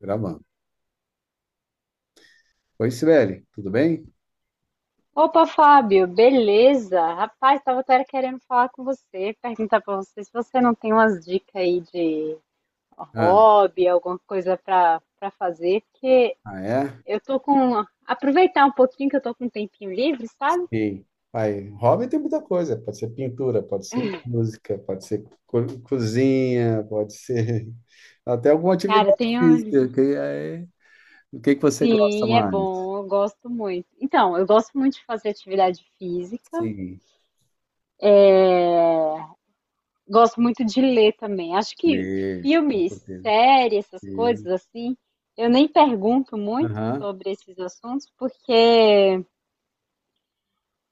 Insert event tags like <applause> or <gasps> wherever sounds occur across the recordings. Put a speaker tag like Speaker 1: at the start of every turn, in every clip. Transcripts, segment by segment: Speaker 1: Gravando. Oi, Sibeli, tudo bem?
Speaker 2: Opa, Fábio, beleza? Rapaz, tava até querendo falar com você, perguntar pra você se você não tem umas dicas aí de
Speaker 1: Ah,
Speaker 2: hobby, alguma coisa pra para fazer, porque
Speaker 1: ah, é?
Speaker 2: eu tô com aproveitar um pouquinho que eu tô com um tempinho livre, sabe?
Speaker 1: Sim. Pai, hobby tem muita coisa. Pode ser pintura, pode ser música, pode ser cozinha, pode ser <laughs> até alguma
Speaker 2: Cara,
Speaker 1: atividade
Speaker 2: tenho,
Speaker 1: física. O que que você gosta
Speaker 2: sim, é
Speaker 1: mais?
Speaker 2: bom, eu gosto muito. Então, eu gosto muito de fazer atividade física.
Speaker 1: Sim.
Speaker 2: Gosto muito de ler também. Acho que
Speaker 1: Ler, com
Speaker 2: filmes,
Speaker 1: certeza.
Speaker 2: séries, essas coisas
Speaker 1: Sim.
Speaker 2: assim, eu nem pergunto muito
Speaker 1: Aham.
Speaker 2: sobre esses assuntos, porque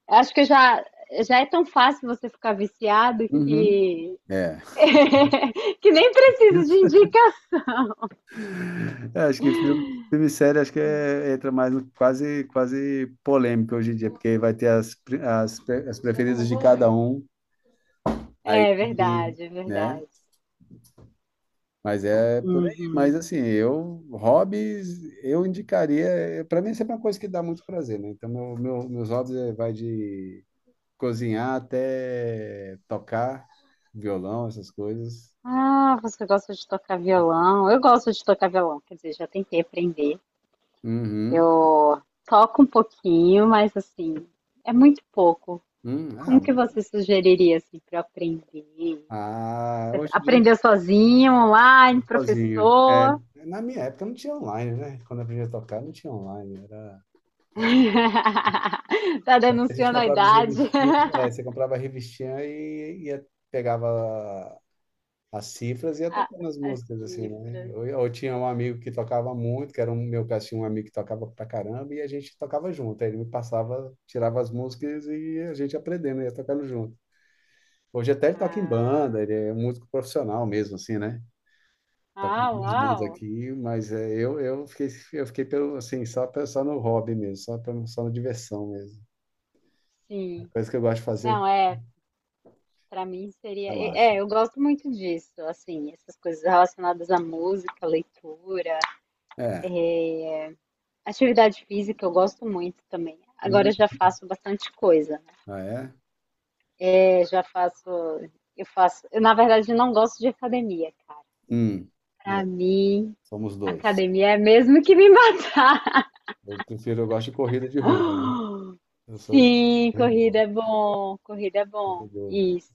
Speaker 2: acho que já é tão fácil você ficar viciado
Speaker 1: Uhum.
Speaker 2: que,
Speaker 1: É.
Speaker 2: <laughs> que nem preciso de
Speaker 1: <laughs>
Speaker 2: indicação.
Speaker 1: É, acho que filme, filme e série acho que entra mais no quase polêmico hoje em dia, porque vai ter as preferidas de cada um. Aí,
Speaker 2: É verdade, é
Speaker 1: né?
Speaker 2: verdade.
Speaker 1: Mas é por aí. Mas
Speaker 2: Uhum.
Speaker 1: assim, eu, hobbies, eu indicaria. Para mim, sempre é uma coisa que dá muito prazer, né? Então, meus hobbies vai de cozinhar até tocar violão, essas coisas.
Speaker 2: Ah, você gosta de tocar violão? Eu gosto de tocar violão, quer dizer, já tentei aprender.
Speaker 1: Uhum.
Speaker 2: Eu toco um pouquinho, mas assim, é muito pouco.
Speaker 1: Hum,
Speaker 2: Como
Speaker 1: ah,
Speaker 2: que você sugeriria assim para aprender? Você
Speaker 1: hoje em dia,
Speaker 2: aprendeu sozinho, online,
Speaker 1: sozinho. É,
Speaker 2: professor?
Speaker 1: na minha época não tinha online, né? Quando eu aprendi a tocar, não tinha online. Era, era-
Speaker 2: <laughs> Tá
Speaker 1: a gente
Speaker 2: denunciando a
Speaker 1: comprava as
Speaker 2: idade,
Speaker 1: revistinhas,
Speaker 2: <laughs>
Speaker 1: é, você comprava a revistinha e pegava as cifras e ia
Speaker 2: Ah,
Speaker 1: tocando as
Speaker 2: as
Speaker 1: músicas, assim, né?
Speaker 2: cifras.
Speaker 1: Eu tinha um amigo que tocava muito, que era um meu caso, tinha um amigo que tocava pra caramba, e a gente tocava junto. Aí ele me passava, tirava as músicas e a gente aprendendo, ia tocando junto. Hoje até ele toca em
Speaker 2: Ah,
Speaker 1: banda, ele é um músico profissional mesmo, assim, né? Toca em
Speaker 2: ah,
Speaker 1: duas bandas
Speaker 2: uau!
Speaker 1: aqui, mas é, eu fiquei, eu fiquei pelo, assim, só, só no hobby mesmo, só, só na diversão mesmo. A
Speaker 2: Sim.
Speaker 1: coisa que eu gosto de fazer,
Speaker 2: Não, é, para mim seria,
Speaker 1: relaxa.
Speaker 2: é, eu gosto muito disso, assim, essas coisas relacionadas à música, leitura,
Speaker 1: É.
Speaker 2: atividade física, eu gosto muito também. Agora
Speaker 1: Hum.
Speaker 2: eu já faço bastante coisa.
Speaker 1: Ah, é?
Speaker 2: Eu já faço, eu na verdade não gosto de academia, cara.
Speaker 1: Hum.
Speaker 2: Pra
Speaker 1: É,
Speaker 2: mim,
Speaker 1: somos dois.
Speaker 2: academia é mesmo que me <laughs> matar.
Speaker 1: Eu prefiro, eu gosto de corrida de rua, né?
Speaker 2: <gasps>
Speaker 1: Eu sou
Speaker 2: Sim, corrida
Speaker 1: corredor.
Speaker 2: é bom, corrida é bom.
Speaker 1: corredor.
Speaker 2: Isso.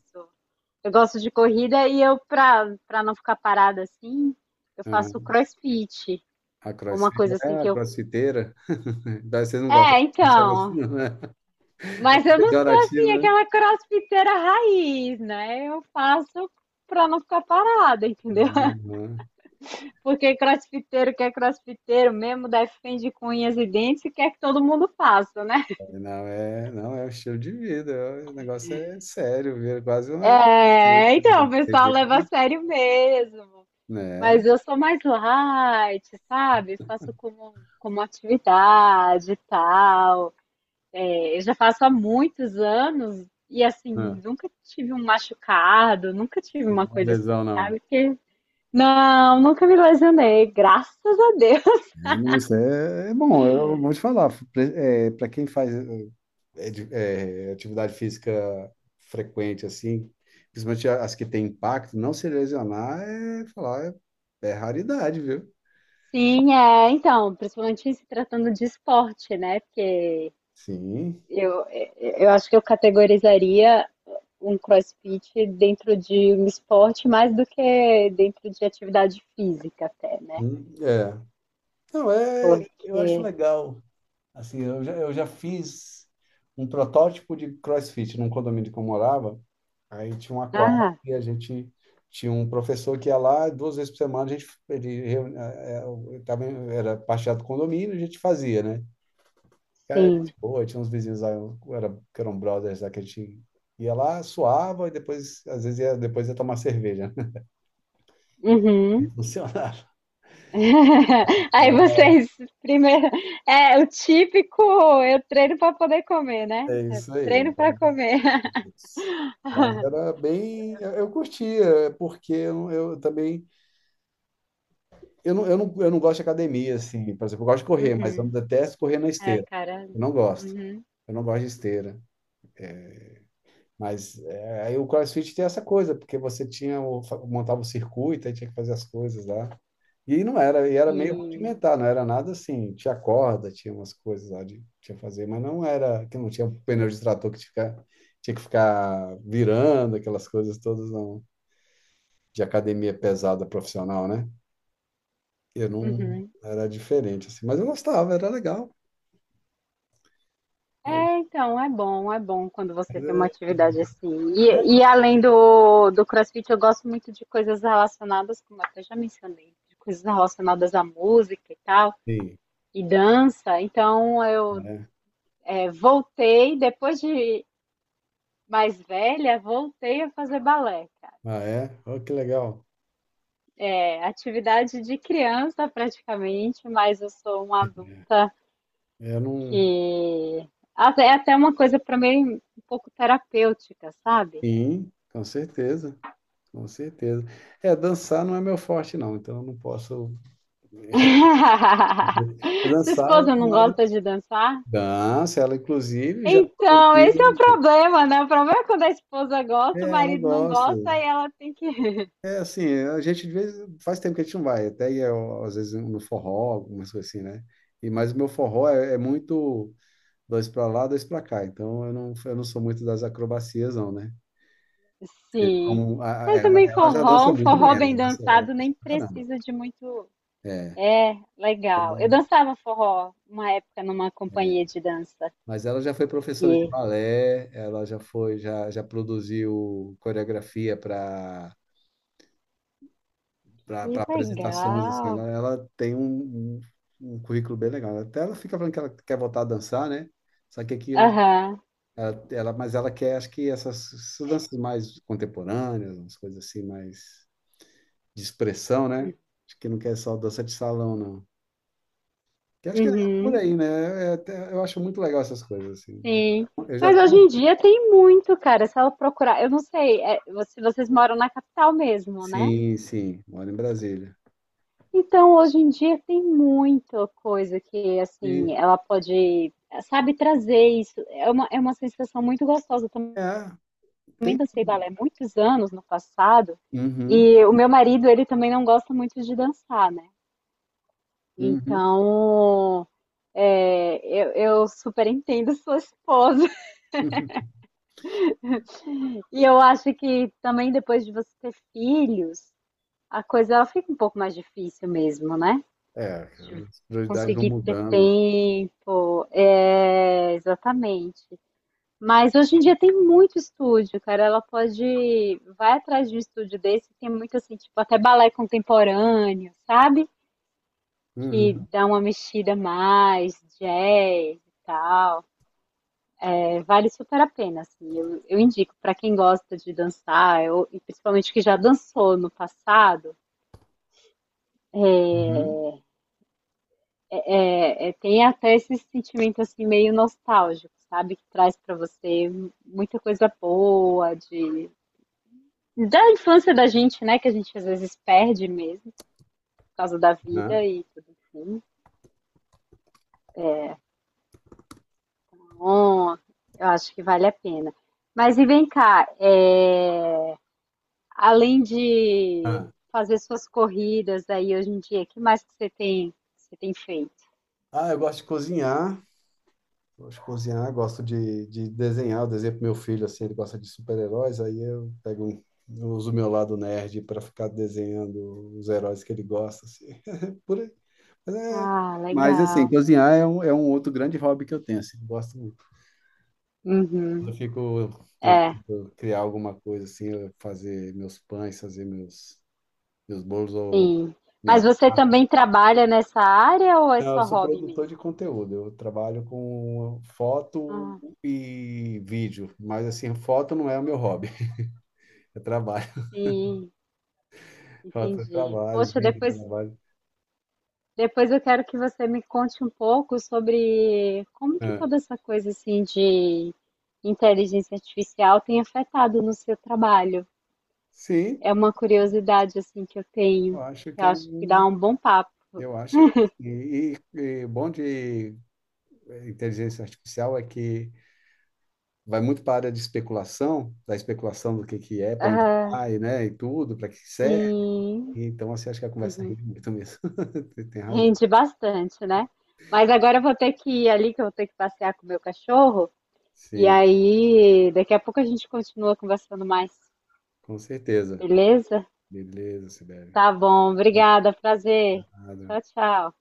Speaker 2: Eu gosto de corrida e eu, pra não ficar parada assim, eu faço
Speaker 1: Aham.
Speaker 2: crossfit.
Speaker 1: A
Speaker 2: Uma
Speaker 1: crossfit,
Speaker 2: coisa assim
Speaker 1: é, a
Speaker 2: que eu.
Speaker 1: crossfiteira. <laughs> Daí vocês não gostam
Speaker 2: É,
Speaker 1: de chamar assim,
Speaker 2: então.
Speaker 1: não, né? <laughs> É
Speaker 2: Mas eu não sou assim,
Speaker 1: pejorativo, né?
Speaker 2: aquela crossfiteira raiz, né? Eu faço pra não ficar parada, entendeu?
Speaker 1: Aham.
Speaker 2: Porque crossfiteiro que é crossfiteiro mesmo, defende com unhas e dentes e quer que todo mundo faça, né?
Speaker 1: Não, é, não, é um estilo de vida. O negócio é sério, vira quase uma
Speaker 2: É,
Speaker 1: seita,
Speaker 2: então,
Speaker 1: né?
Speaker 2: o
Speaker 1: Tem
Speaker 2: pessoal leva a
Speaker 1: gente,
Speaker 2: sério mesmo.
Speaker 1: né?
Speaker 2: Mas eu sou mais light, sabe? Faço como, como atividade e tal. É, eu já faço há muitos anos e, assim,
Speaker 1: Ah,
Speaker 2: nunca tive um machucado, nunca tive
Speaker 1: sem
Speaker 2: uma
Speaker 1: uma
Speaker 2: coisa assim,
Speaker 1: lesão, não.
Speaker 2: sabe? Porque, não, nunca me lesionei, graças a Deus.
Speaker 1: É, não, isso é, é bom, eu vou te falar. Para quem faz. É, atividade física frequente, assim, principalmente as que têm impacto, não se lesionar é falar, é, é raridade, viu?
Speaker 2: Sim, é, então, principalmente se tratando de esporte, né? Porque
Speaker 1: Sim.
Speaker 2: eu, eu acho que eu categorizaria um CrossFit dentro de um esporte mais do que dentro de atividade física até, né?
Speaker 1: É. Não, é, eu acho
Speaker 2: Porque,
Speaker 1: legal. Assim, eu já fiz um protótipo de CrossFit num condomínio que eu morava. Aí tinha uma quadra
Speaker 2: ah,
Speaker 1: e a gente tinha um professor que ia lá duas vezes por semana, estava, era parte do condomínio, a gente fazia, né? Cara,
Speaker 2: sim.
Speaker 1: gente boa, tinha uns vizinhos lá, um, era, que eram brothers lá, que a gente ia lá, suava e depois, às vezes, ia, depois ia tomar cerveja.
Speaker 2: Uhum.
Speaker 1: <laughs> Funcionava.
Speaker 2: <laughs> Aí
Speaker 1: É
Speaker 2: vocês, primeiro, é o típico, eu treino para poder comer, né?
Speaker 1: é
Speaker 2: Eu
Speaker 1: isso aí.
Speaker 2: treino
Speaker 1: Tá?
Speaker 2: para comer. <laughs>
Speaker 1: Isso. Mas era bem. Eu curtia, porque eu também. Eu não, eu não, eu não gosto de academia, assim. Por exemplo, eu gosto de correr, mas eu
Speaker 2: Uhum.
Speaker 1: detesto correr na
Speaker 2: É,
Speaker 1: esteira.
Speaker 2: cara.
Speaker 1: Eu não gosto.
Speaker 2: Uhum.
Speaker 1: Eu não gosto de esteira. Mas é, aí o CrossFit tem essa coisa, porque você tinha o, montava o circuito, aí tinha que fazer as coisas lá. E não era, e era meio
Speaker 2: Sim.
Speaker 1: rudimentar, não era nada assim, tinha corda, tinha umas coisas lá de tinha que fazer, mas não era que não tinha pneu de trator que tinha, tinha que ficar virando aquelas coisas todas não, de academia pesada profissional, né? Eu não
Speaker 2: Uhum.
Speaker 1: era diferente assim, mas eu gostava, era legal.
Speaker 2: É, então, é bom quando você tem uma atividade assim. E além do CrossFit, eu gosto muito de coisas relacionadas, como eu até já mencionei, de coisas relacionadas à música e tal,
Speaker 1: Sim,
Speaker 2: e dança. Então, eu
Speaker 1: né?
Speaker 2: é, voltei, depois de mais velha, voltei a fazer balé, cara.
Speaker 1: Ah, é? Oh, que legal.
Speaker 2: É atividade de criança praticamente, mas eu sou uma adulta
Speaker 1: Eu não.
Speaker 2: que. Até- é até uma coisa para mim um pouco terapêutica, sabe?
Speaker 1: Sim, com certeza. Com certeza. É, dançar não é meu forte, não, então eu não posso
Speaker 2: <laughs>
Speaker 1: <laughs>
Speaker 2: Sua
Speaker 1: dançar,
Speaker 2: esposa não
Speaker 1: mas
Speaker 2: gosta de dançar?
Speaker 1: dança, ela inclusive já
Speaker 2: Então, esse é o
Speaker 1: produziu.
Speaker 2: problema, né? O problema é quando a esposa gosta, o
Speaker 1: É, ela
Speaker 2: marido não
Speaker 1: gosta.
Speaker 2: gosta e ela tem que.
Speaker 1: É assim, a gente de vez faz tempo que a gente não vai, até ia, ó, às vezes no forró, algumas coisas assim, né? E, mas o meu forró é, é muito dois para lá, dois para cá, então eu não sou muito das acrobacias, não, né?
Speaker 2: <laughs> Sim.
Speaker 1: Como
Speaker 2: Mas
Speaker 1: ela,
Speaker 2: também
Speaker 1: ela já
Speaker 2: forró,
Speaker 1: dança
Speaker 2: um
Speaker 1: muito bem,
Speaker 2: forró bem
Speaker 1: ela
Speaker 2: dançado
Speaker 1: dança
Speaker 2: nem
Speaker 1: pra caramba.
Speaker 2: precisa de muito.
Speaker 1: É.
Speaker 2: É, legal. Eu dançava forró uma época numa companhia de dança.
Speaker 1: Mas ela já foi professora de
Speaker 2: Que,
Speaker 1: balé, ela já foi, já, já produziu coreografia
Speaker 2: que
Speaker 1: para apresentações, assim,
Speaker 2: legal.
Speaker 1: ela tem um, um currículo bem legal. Até ela fica falando que ela quer voltar a dançar, né? Só que aqui ela,
Speaker 2: Aham.
Speaker 1: ela, mas ela quer, acho que essas, essas danças mais contemporâneas, umas coisas assim mais de expressão, né? Acho que não quer só dança de salão, não. Que acho que é por
Speaker 2: Uhum.
Speaker 1: aí, né? É eu acho muito legal essas coisas assim.
Speaker 2: Sim.
Speaker 1: Eu já
Speaker 2: Mas hoje em dia tem muito, cara. Se ela procurar, eu não sei, é, vo- se vocês moram na capital mesmo, né?
Speaker 1: sim, sim, moro em Brasília.
Speaker 2: Então hoje em dia tem muita coisa que, assim,
Speaker 1: E,
Speaker 2: ela pode, sabe, trazer isso. É uma sensação muito gostosa. Eu
Speaker 1: é,
Speaker 2: também
Speaker 1: tem.
Speaker 2: dancei balé muitos anos no passado.
Speaker 1: Uhum,
Speaker 2: E o meu marido, ele também não gosta muito de dançar, né?
Speaker 1: uhum,
Speaker 2: Então, é, eu super entendo sua esposa.
Speaker 1: uhum.
Speaker 2: E eu acho que também depois de você ter filhos, a coisa ela fica um pouco mais difícil mesmo, né?
Speaker 1: É, cara,
Speaker 2: De
Speaker 1: as prioridades vão
Speaker 2: conseguir ter
Speaker 1: mudando.
Speaker 2: tempo, é, exatamente. Mas hoje em dia tem muito estúdio, cara. Ela pode. Vai atrás de um estúdio desse, tem muito assim, tipo, até balé contemporâneo, sabe? Que
Speaker 1: Uhum,
Speaker 2: dá uma mexida mais, jazz e tal. É, vale super a pena, assim. Eu indico para quem gosta de dançar, eu, e principalmente que já dançou no passado.
Speaker 1: uhum,
Speaker 2: É, é, tem até esse sentimento assim meio nostálgico, sabe? Que traz pra você muita coisa boa de da infância da gente, né? Que a gente às vezes perde mesmo por causa da
Speaker 1: né?
Speaker 2: vida e tudo assim. Então, eu acho que vale a pena. Mas e vem cá, é, além de
Speaker 1: Ah,
Speaker 2: fazer suas corridas aí hoje em dia, o que mais que você tem feito?
Speaker 1: ah, eu gosto de cozinhar. Gosto de cozinhar, gosto de desenhar. Eu desenho pro meu filho, assim, ele gosta de super-heróis. Aí eu pego, eu uso o meu lado nerd para ficar desenhando os heróis que ele gosta, assim. <laughs> Por aí. Mas, é-
Speaker 2: Ah,
Speaker 1: mas, assim,
Speaker 2: legal.
Speaker 1: cozinhar é um outro grande hobby que eu tenho, assim. Gosto. Eu
Speaker 2: Uhum.
Speaker 1: fico
Speaker 2: É.
Speaker 1: tentando criar alguma coisa assim, eu fazer meus pães, fazer meus, meus bolos ou
Speaker 2: Sim. Mas
Speaker 1: minhas.
Speaker 2: você também trabalha nessa área ou é
Speaker 1: Não, eu
Speaker 2: só
Speaker 1: sou
Speaker 2: hobby
Speaker 1: produtor de
Speaker 2: mesmo?
Speaker 1: conteúdo, eu trabalho com foto
Speaker 2: Ah,
Speaker 1: e vídeo, mas assim, foto não é o meu hobby, <laughs> é trabalho.
Speaker 2: sim,
Speaker 1: Foto é
Speaker 2: entendi.
Speaker 1: trabalho,
Speaker 2: Poxa,
Speaker 1: vídeo é
Speaker 2: depois,
Speaker 1: trabalho.
Speaker 2: depois eu quero que você me conte um pouco sobre como que
Speaker 1: É.
Speaker 2: toda essa coisa assim de inteligência artificial tem afetado no seu trabalho.
Speaker 1: Sim,
Speaker 2: É uma curiosidade assim que eu
Speaker 1: eu
Speaker 2: tenho,
Speaker 1: acho
Speaker 2: que
Speaker 1: que
Speaker 2: eu
Speaker 1: é
Speaker 2: acho que dá
Speaker 1: um.
Speaker 2: um bom papo.
Speaker 1: Eu acho. E bom de inteligência artificial é que vai muito para a área de especulação, da especulação do que é, para onde
Speaker 2: Ah,
Speaker 1: vai, né, e tudo, para que serve.
Speaker 2: sim,
Speaker 1: Então, assim, acho que a conversa
Speaker 2: uhum.
Speaker 1: rende muito mesmo. <laughs> Tem razão.
Speaker 2: Rende bastante, né? Mas agora eu vou ter que ir ali, que eu vou ter que passear com o meu cachorro. E
Speaker 1: Sim,
Speaker 2: aí, daqui a pouco a gente continua conversando mais,
Speaker 1: com certeza.
Speaker 2: beleza?
Speaker 1: Beleza, Sibeli.
Speaker 2: Tá bom, obrigada, prazer.
Speaker 1: Nada.
Speaker 2: Tchau, tchau.